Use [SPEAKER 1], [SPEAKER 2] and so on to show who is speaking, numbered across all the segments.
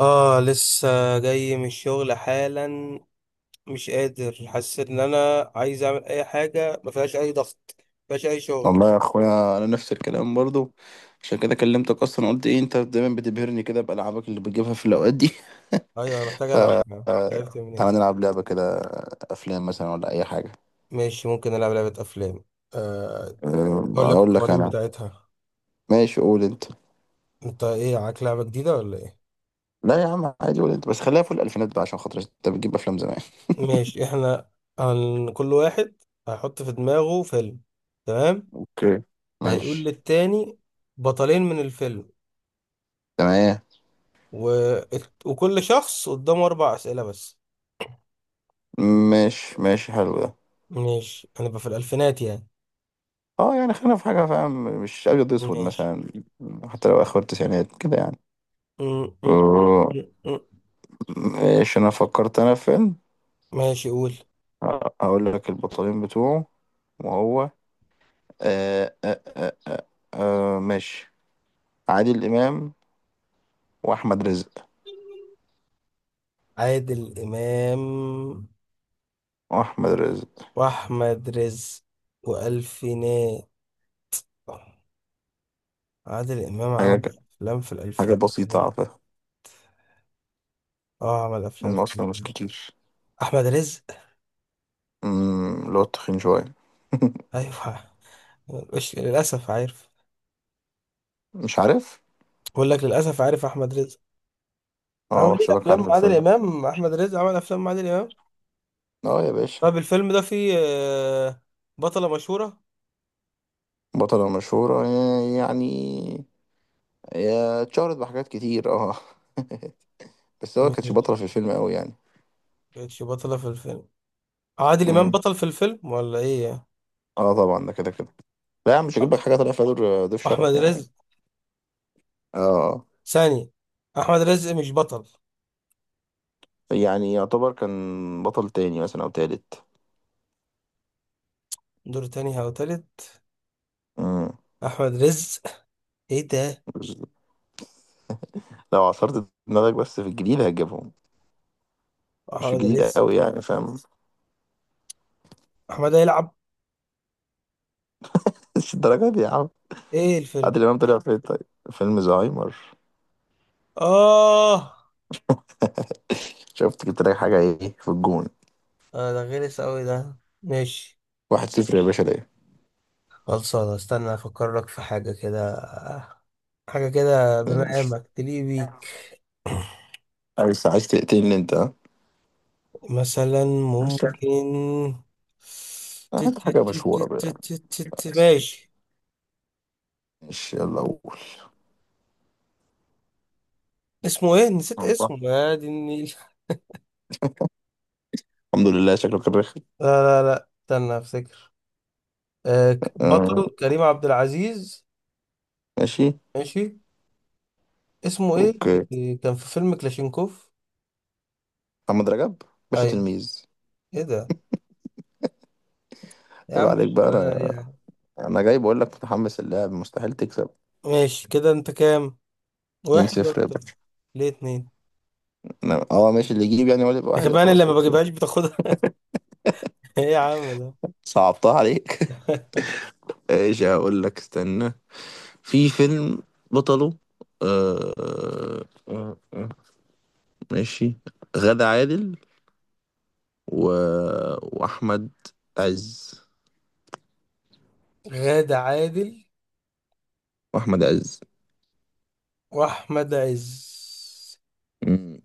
[SPEAKER 1] اه لسه جاي من الشغل حالا. مش قادر، حسيت ان انا عايز اعمل اي حاجه ما فيهاش اي ضغط، ما فيهاش اي شغل.
[SPEAKER 2] والله يا اخويا انا نفس الكلام برضو. عشان كده كلمتك اصلا، قلت ايه انت دايما بتبهرني كده بالعابك اللي بتجيبها في الاوقات دي.
[SPEAKER 1] ايوه انا محتاج
[SPEAKER 2] ف
[SPEAKER 1] العب. لعبت منين؟
[SPEAKER 2] تعالى نلعب لعبه كده، افلام مثلا ولا اي حاجه.
[SPEAKER 1] ماشي، ممكن العب لعبه افلام. آه، اقول لك
[SPEAKER 2] اقول لك
[SPEAKER 1] القوانين
[SPEAKER 2] انا.
[SPEAKER 1] بتاعتها.
[SPEAKER 2] ماشي قول انت.
[SPEAKER 1] انت ايه، معاك لعبه جديده ولا ايه؟
[SPEAKER 2] لا يا عم عادي، قول انت بس خليها في الالفينات بقى عشان خاطر انت بتجيب افلام زمان.
[SPEAKER 1] ماشي، احنا كل واحد هيحط في دماغه فيلم، تمام؟
[SPEAKER 2] اوكي.
[SPEAKER 1] هيقول
[SPEAKER 2] ماشي.
[SPEAKER 1] للتاني بطلين من الفيلم
[SPEAKER 2] تمام.
[SPEAKER 1] و... وكل شخص قدامه اربع اسئله بس.
[SPEAKER 2] ماشي ماشي حلو ده.
[SPEAKER 1] ماشي انا بقى في الالفينات يعني.
[SPEAKER 2] اه يعني خلينا في حاجه فاهم، مش ابيض اسود
[SPEAKER 1] ماشي.
[SPEAKER 2] مثلا. حتى لو اخر التسعينات كده يعني.
[SPEAKER 1] م- م-
[SPEAKER 2] أه،
[SPEAKER 1] م- م-
[SPEAKER 2] ماشي انا فكرت انا في فيلم.
[SPEAKER 1] ماشي قول.
[SPEAKER 2] هقول لك البطلين بتوعه وهو آه آه آه آه آه ماشي. عادل إمام وأحمد رزق.
[SPEAKER 1] عادل امام
[SPEAKER 2] وأحمد رزق.
[SPEAKER 1] واحمد رزق والفينات. عادل امام
[SPEAKER 2] حاجة
[SPEAKER 1] عمل
[SPEAKER 2] ك-
[SPEAKER 1] افلام في
[SPEAKER 2] حاجة بسيطة على
[SPEAKER 1] الالفينات.
[SPEAKER 2] فكرة،
[SPEAKER 1] اه عمل افلام
[SPEAKER 2] هم
[SPEAKER 1] في
[SPEAKER 2] أصلا مش
[SPEAKER 1] الالفينات.
[SPEAKER 2] كتير.
[SPEAKER 1] احمد رزق،
[SPEAKER 2] اللي هو التخين شوية.
[SPEAKER 1] ايوه. مش للاسف عارف.
[SPEAKER 2] مش عارف؟
[SPEAKER 1] بقول لك للاسف عارف احمد رزق عمل
[SPEAKER 2] اه
[SPEAKER 1] ايه
[SPEAKER 2] حسابك
[SPEAKER 1] افلام
[SPEAKER 2] عارف
[SPEAKER 1] مع عادل
[SPEAKER 2] الفيلم.
[SPEAKER 1] امام. احمد رزق عمل افلام مع عادل امام.
[SPEAKER 2] اه يا باشا.
[SPEAKER 1] طب الفيلم ده فيه بطلة مشهورة.
[SPEAKER 2] بطلة مشهورة يعني هي اتشهرت بحاجات كتير اه. بس هو كانتش
[SPEAKER 1] ماشي،
[SPEAKER 2] بطلة في الفيلم قوي يعني.
[SPEAKER 1] كانتش بطلة في الفيلم. عادل امام
[SPEAKER 2] أمم.
[SPEAKER 1] بطل في الفيلم ولا ايه؟
[SPEAKER 2] اه طبعا ده كده كده. لا يا عم، مش هجيب لك حاجة طالع فيها دور، ضيف
[SPEAKER 1] احمد
[SPEAKER 2] شرف يعني.
[SPEAKER 1] رزق
[SPEAKER 2] اه آه.
[SPEAKER 1] ثاني. احمد رزق مش بطل،
[SPEAKER 2] يعني يعتبر كان بطل تاني مثلا او تالت.
[SPEAKER 1] دور تاني او تالت.
[SPEAKER 2] امم
[SPEAKER 1] احمد رزق. ايه ده؟
[SPEAKER 2] لو عصرت دماغك بس، في الجديد هتجيبهم. مش في
[SPEAKER 1] احمد
[SPEAKER 2] الجديد
[SPEAKER 1] رزق.
[SPEAKER 2] قوي يعني فاهم.
[SPEAKER 1] احمد هيلعب.
[SPEAKER 2] مش الدرجه دي يا عم.
[SPEAKER 1] ايه الفيلم؟
[SPEAKER 2] عادل امام طلع في طيب فيلم زهايمر.
[SPEAKER 1] اه
[SPEAKER 2] شفت جبت لك حاجه ايه في الجون.
[SPEAKER 1] آه، ده غلس اوي ده. ماشي،
[SPEAKER 2] واحد صفر يا باشا ليه.
[SPEAKER 1] خلصانة. استنى افكر لك في حاجة كده، حاجة كده
[SPEAKER 2] دايما.
[SPEAKER 1] بمقامك تليق بيك.
[SPEAKER 2] عايز تقتلني انت ها.
[SPEAKER 1] مثلا
[SPEAKER 2] عايز تقتلني.
[SPEAKER 1] ممكن.
[SPEAKER 2] هات حاجه مشهوره بقى يعني.
[SPEAKER 1] ماشي.
[SPEAKER 2] ماشي يلا قول.
[SPEAKER 1] اسمه ايه؟ نسيت
[SPEAKER 2] الله.
[SPEAKER 1] اسمه، يا دي النيل.
[SPEAKER 2] الحمد لله شكلك الرخم.
[SPEAKER 1] لا لا لا، استنى افتكر.
[SPEAKER 2] آه،
[SPEAKER 1] بطل كريم عبد العزيز.
[SPEAKER 2] ماشي.
[SPEAKER 1] ماشي. اسمه ايه
[SPEAKER 2] اوكي.
[SPEAKER 1] اللي كان في فيلم كلاشينكوف؟
[SPEAKER 2] محمد رجب. باشا
[SPEAKER 1] ايوه.
[SPEAKER 2] تلميذ.
[SPEAKER 1] ايه ده يا عم؟
[SPEAKER 2] يبقى عليك
[SPEAKER 1] مش
[SPEAKER 2] بقى.
[SPEAKER 1] ولا
[SPEAKER 2] انا
[SPEAKER 1] أي حاجة.
[SPEAKER 2] انا جاي بقول لك متحمس اللعب، مستحيل تكسب.
[SPEAKER 1] ماشي، كده انت كام، واحد
[SPEAKER 2] 2-0
[SPEAKER 1] ولا
[SPEAKER 2] يا
[SPEAKER 1] طفل؟
[SPEAKER 2] باشا.
[SPEAKER 1] ليه اتنين؟
[SPEAKER 2] ماشي، اللي يجيب يعني هو اللي يبقى
[SPEAKER 1] ده
[SPEAKER 2] واحد
[SPEAKER 1] كمان اللي
[SPEAKER 2] خلاص،
[SPEAKER 1] ما
[SPEAKER 2] اوكي.
[SPEAKER 1] بجيبهاش بتاخدها. ايه يا عم ده؟
[SPEAKER 2] صعبتها عليك. ايش هقول لك، استنى. في فيلم، بطله آه آه آه ماشي، غادة عادل و... واحمد عز.
[SPEAKER 1] غادة عادل
[SPEAKER 2] واحمد عز.
[SPEAKER 1] واحمد عز.
[SPEAKER 2] مم.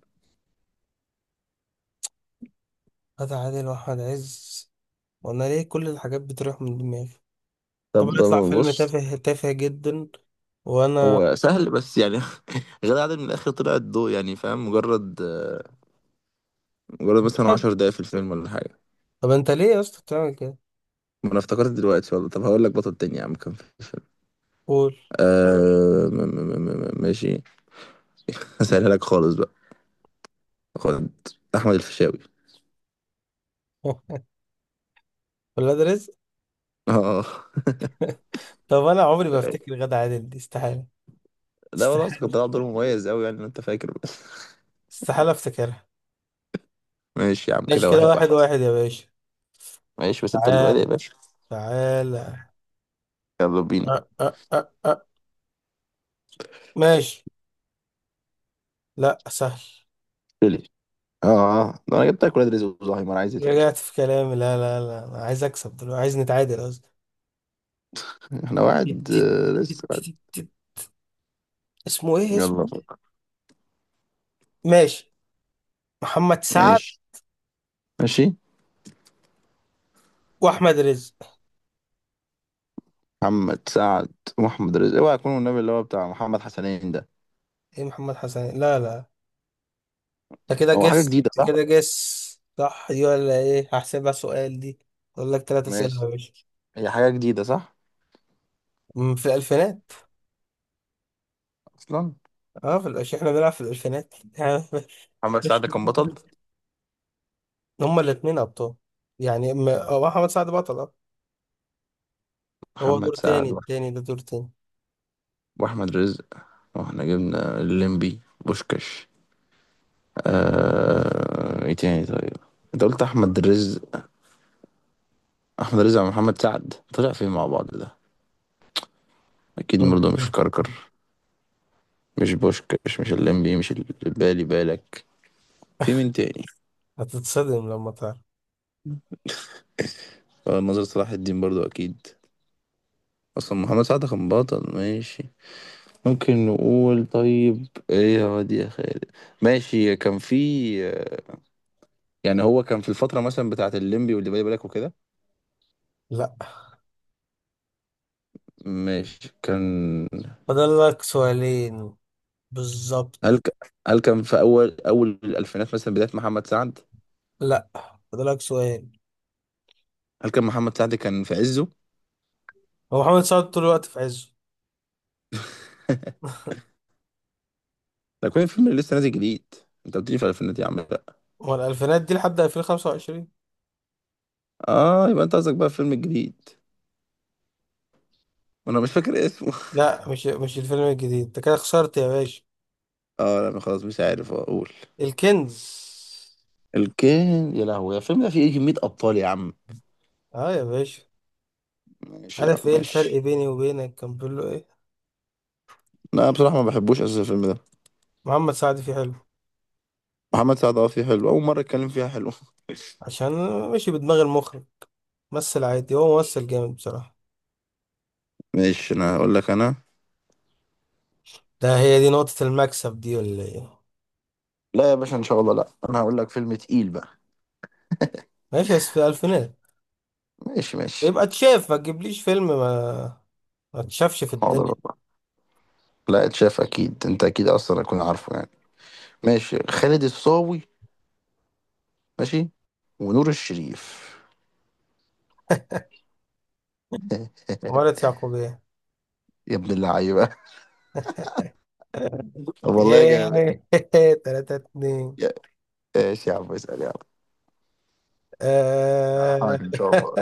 [SPEAKER 1] غادة عادل واحمد عز. وانا ليه كل الحاجات بتروح من دماغي؟ طب
[SPEAKER 2] طب
[SPEAKER 1] يطلع فيلم
[SPEAKER 2] بص،
[SPEAKER 1] تافه تافه جدا. وانا،
[SPEAKER 2] هو سهل بس يعني. غادة عادل من الاخر طلعت ضوء يعني فاهم، مجرد مجرد مثلا 10 دقايق في الفيلم ولا حاجة.
[SPEAKER 1] طب انت ليه يا اسطى بتعمل كده؟
[SPEAKER 2] ما انا افتكرت دلوقتي والله. طب هقول لك بطل تاني يا عم كان في الفيلم.
[SPEAKER 1] قول.
[SPEAKER 2] آه م م م م ماشي. هسألها لك خالص بقى. خد، احمد الفيشاوي.
[SPEAKER 1] ولا ده رزق.
[SPEAKER 2] اه.
[SPEAKER 1] طب انا عمري ما افتكر غادة عادل، دي استحالة،
[SPEAKER 2] لا والله اصل كان
[SPEAKER 1] استحالة،
[SPEAKER 2] طلع دور مميز قوي يعني انت فاكر. بس.
[SPEAKER 1] استحالة افتكرها.
[SPEAKER 2] ماشي يا عم،
[SPEAKER 1] ماشي
[SPEAKER 2] كده
[SPEAKER 1] كده
[SPEAKER 2] واحد
[SPEAKER 1] واحد
[SPEAKER 2] واحد.
[SPEAKER 1] واحد يا باشا.
[SPEAKER 2] ماشي بس انت اللي بادئ يا
[SPEAKER 1] تعالى،
[SPEAKER 2] باشا.
[SPEAKER 1] تعالى.
[SPEAKER 2] يلا بينا.
[SPEAKER 1] أه أه أه أه. ماشي. لا، سهل.
[SPEAKER 2] ليه؟ ده انا جبت لك ولاد رزق وزهايمر، عايز ايه تاني.
[SPEAKER 1] رجعت في كلامي، لا لا لا، انا عايز اكسب دلوقتي، عايز نتعادل قصدي.
[SPEAKER 2] احنا
[SPEAKER 1] تيت-
[SPEAKER 2] واحد
[SPEAKER 1] تيت- تيت-
[SPEAKER 2] لسه واحد.
[SPEAKER 1] تيت- تيت. اسمه ايه؟ اسمه
[SPEAKER 2] يلا
[SPEAKER 1] إيه؟
[SPEAKER 2] فوق.
[SPEAKER 1] ماشي. محمد سعد
[SPEAKER 2] ماشي. ماشي.
[SPEAKER 1] واحمد رزق.
[SPEAKER 2] محمد سعد ومحمد رزق، اوعى يكون النبي اللي هو بتاع محمد حسنين ده.
[SPEAKER 1] ايه محمد حسن، لا لا. انت كده
[SPEAKER 2] هو حاجة
[SPEAKER 1] جس،
[SPEAKER 2] جديدة صح؟
[SPEAKER 1] كده جس. صح دي ولا ايه؟ هحسبها سؤال دي. اقول لك ثلاث اسئله
[SPEAKER 2] ماشي.
[SPEAKER 1] يا باشا.
[SPEAKER 2] هي حاجة جديدة صح
[SPEAKER 1] في الالفينات.
[SPEAKER 2] أصلا.
[SPEAKER 1] اه في الألفينات. احنا بنلعب في الالفينات.
[SPEAKER 2] محمد سعد كان بطل.
[SPEAKER 1] هما الاثنين ابطال. يعني هو محمد سعد بطل، اه. هو
[SPEAKER 2] محمد
[SPEAKER 1] دور تاني،
[SPEAKER 2] سعد وأح-
[SPEAKER 1] التاني ده دور تاني.
[SPEAKER 2] واحمد رزق. واحنا جبنا الليمبي، بوشكاش. ايه تاني طيب. انت قلت احمد رزق. احمد رزق مع محمد سعد طلع فين مع بعض ده. اكيد برضه مش كركر، مش بوشكاش، مش الليمبي، مش ال- بالي بالك. في مين تاني.
[SPEAKER 1] هتتصدم لما تعرف.
[SPEAKER 2] ناظر صلاح الدين برضه اكيد. اصلا محمد سعد كان بطل ماشي. ممكن نقول طيب ايه يا واد يا خالد. ماشي كان في، يعني هو كان في الفترة مثلا بتاعة الليمبي واللي بالي بالك وكده.
[SPEAKER 1] لا،
[SPEAKER 2] مش كان.
[SPEAKER 1] فاضل لك سؤالين بالظبط.
[SPEAKER 2] هل كان في أول أول الألفينات مثلا بداية محمد سعد؟
[SPEAKER 1] لا، فاضل لك سؤال.
[SPEAKER 2] هل كان محمد سعد كان في عزه؟
[SPEAKER 1] هو محمد سعد طول الوقت في عزه.
[SPEAKER 2] ده كان الفيلم اللي لسه نازل جديد. أنت بتيجي في الألفينات يا عم لا.
[SPEAKER 1] هو الالفينات دي لحد 2025.
[SPEAKER 2] آه يبقى أنت قصدك بقى الفيلم الجديد، وأنا مش فاكر اسمه.
[SPEAKER 1] لا، مش الفيلم الجديد، انت كده خسرت يا باشا.
[SPEAKER 2] آه لا خلاص مش عارف أقول.
[SPEAKER 1] الكنز.
[SPEAKER 2] الكين يا لهوي. الفيلم ده فيه إيه كمية أبطال يا عم.
[SPEAKER 1] اه يا باشا.
[SPEAKER 2] ماشي يا عم
[SPEAKER 1] عارف ايه الفرق
[SPEAKER 2] ماشي.
[SPEAKER 1] بيني وبينك؟ كان بيقول له ايه؟
[SPEAKER 2] لا بصراحة ما بحبوش أساسا الفيلم ده.
[SPEAKER 1] محمد سعد فيه حلو،
[SPEAKER 2] محمد سعد أه فيه حلو، أول مرة أتكلم فيها حلو.
[SPEAKER 1] عشان، ماشي بدماغ المخرج. ممثل عادي، هو ممثل جامد بصراحة.
[SPEAKER 2] ماشي أنا هقول لك أنا.
[SPEAKER 1] ده هي دي نقطة المكسب دي ولا ايه؟
[SPEAKER 2] لا يا باشا ان شاء الله، لا انا هقول لك فيلم تقيل بقى.
[SPEAKER 1] ماشي بس في الفينات.
[SPEAKER 2] ماشي ماشي.
[SPEAKER 1] يبقى اتشاف، ما تجيبليش فيلم ما ما اتشافش في
[SPEAKER 2] حاضر
[SPEAKER 1] الدنيا.
[SPEAKER 2] والله. لا اتشاف اكيد، انت اكيد اصلا هكون عارفه يعني. ماشي. خالد الصاوي. ماشي. ونور الشريف.
[SPEAKER 1] عمارة يعقوبيان.
[SPEAKER 2] يا ابن اللعيبه. طب والله
[SPEAKER 1] ايه!
[SPEAKER 2] جامد.
[SPEAKER 1] تلاتة اتنين.
[SPEAKER 2] يا- ماشي يا عم، اسال يا عم، على
[SPEAKER 1] آه.
[SPEAKER 2] حاجه ان شاء الله،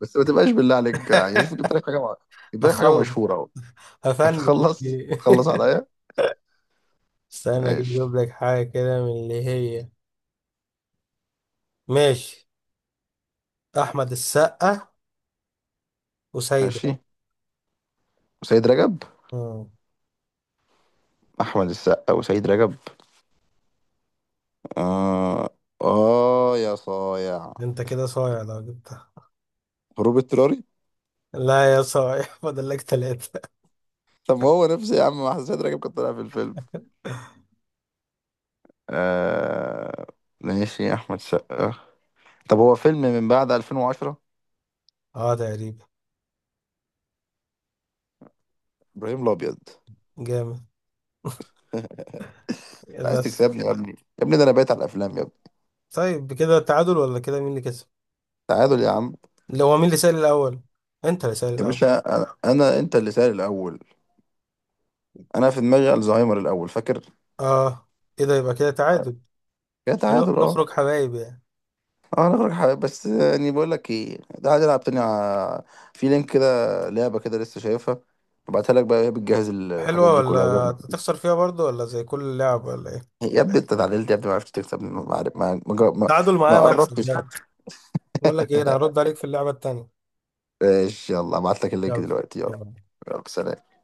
[SPEAKER 2] بس ما تبقاش بالله عليك يعني، شوف جبت لك حاجه مع... يبقى لك حاجه
[SPEAKER 1] هخلص،
[SPEAKER 2] مشهوره اهو.
[SPEAKER 1] هفنش
[SPEAKER 2] هتخلص
[SPEAKER 1] الجيم.
[SPEAKER 2] هتخلص عليا.
[SPEAKER 1] استنى كده
[SPEAKER 2] ماشي.
[SPEAKER 1] اجيب لك حاجة كده من اللي هي. ماشي. احمد السقا وسيدة.
[SPEAKER 2] ماشي. وسيد رجب.
[SPEAKER 1] مم.
[SPEAKER 2] احمد السقا وسيد رجب. اه. اه يا صايع.
[SPEAKER 1] ده انت كده صايع لو جبتها.
[SPEAKER 2] هروب اضطراري.
[SPEAKER 1] لا يا صايع. فاضل لك ثلاثة.
[SPEAKER 2] طب ما هو نفسي يا عم، ما حسيت راجل كان طالع في الفيلم. آه... ماشي، احمد سقا. طب هو فيلم من بعد 2010.
[SPEAKER 1] اه تقريبا.
[SPEAKER 2] ابراهيم الابيض.
[SPEAKER 1] جامد.
[SPEAKER 2] عايز
[SPEAKER 1] بس.
[SPEAKER 2] تكسبني يا ابني يا ابني، ده انا بايت على الافلام يا ابني.
[SPEAKER 1] طيب كده تعادل ولا كده، مين اللي كسب؟
[SPEAKER 2] تعادل يا عم.
[SPEAKER 1] لو هو، مين اللي سال الاول؟ انت اللي سال
[SPEAKER 2] يا
[SPEAKER 1] الاول.
[SPEAKER 2] باشا انا, أنا انت اللي سائل الاول. انا في دماغي الزهايمر الاول فاكر.
[SPEAKER 1] اه، كده يبقى كده تعادل.
[SPEAKER 2] يا تعادل اه.
[SPEAKER 1] نخرج حبايب يعني.
[SPEAKER 2] اه انا غيرك حبيبي، بس يعني بقول لك ايه تعالى نلعب تاني. في لينك كده، لعبه كده لسه شايفها، ابعتها لك بقى، وهي بتجهز الحاجات
[SPEAKER 1] حلوة،
[SPEAKER 2] دي كلها.
[SPEAKER 1] ولا تخسر فيها برضو ولا زي كل لعبة ولا ايه؟
[SPEAKER 2] يا ابني انت اتعدلت يا ابني، ما عرفتش تكسب، ما عرف- ما ما, ما
[SPEAKER 1] تعادل
[SPEAKER 2] ما
[SPEAKER 1] معايا مكسب
[SPEAKER 2] قربتش.
[SPEAKER 1] يعني. بقول لك ايه، انا هرد عليك في اللعبة التانية.
[SPEAKER 2] ماشي يلا ابعت لك اللينك
[SPEAKER 1] يلا.
[SPEAKER 2] دلوقتي يلا.
[SPEAKER 1] يلا.
[SPEAKER 2] يلا سلام.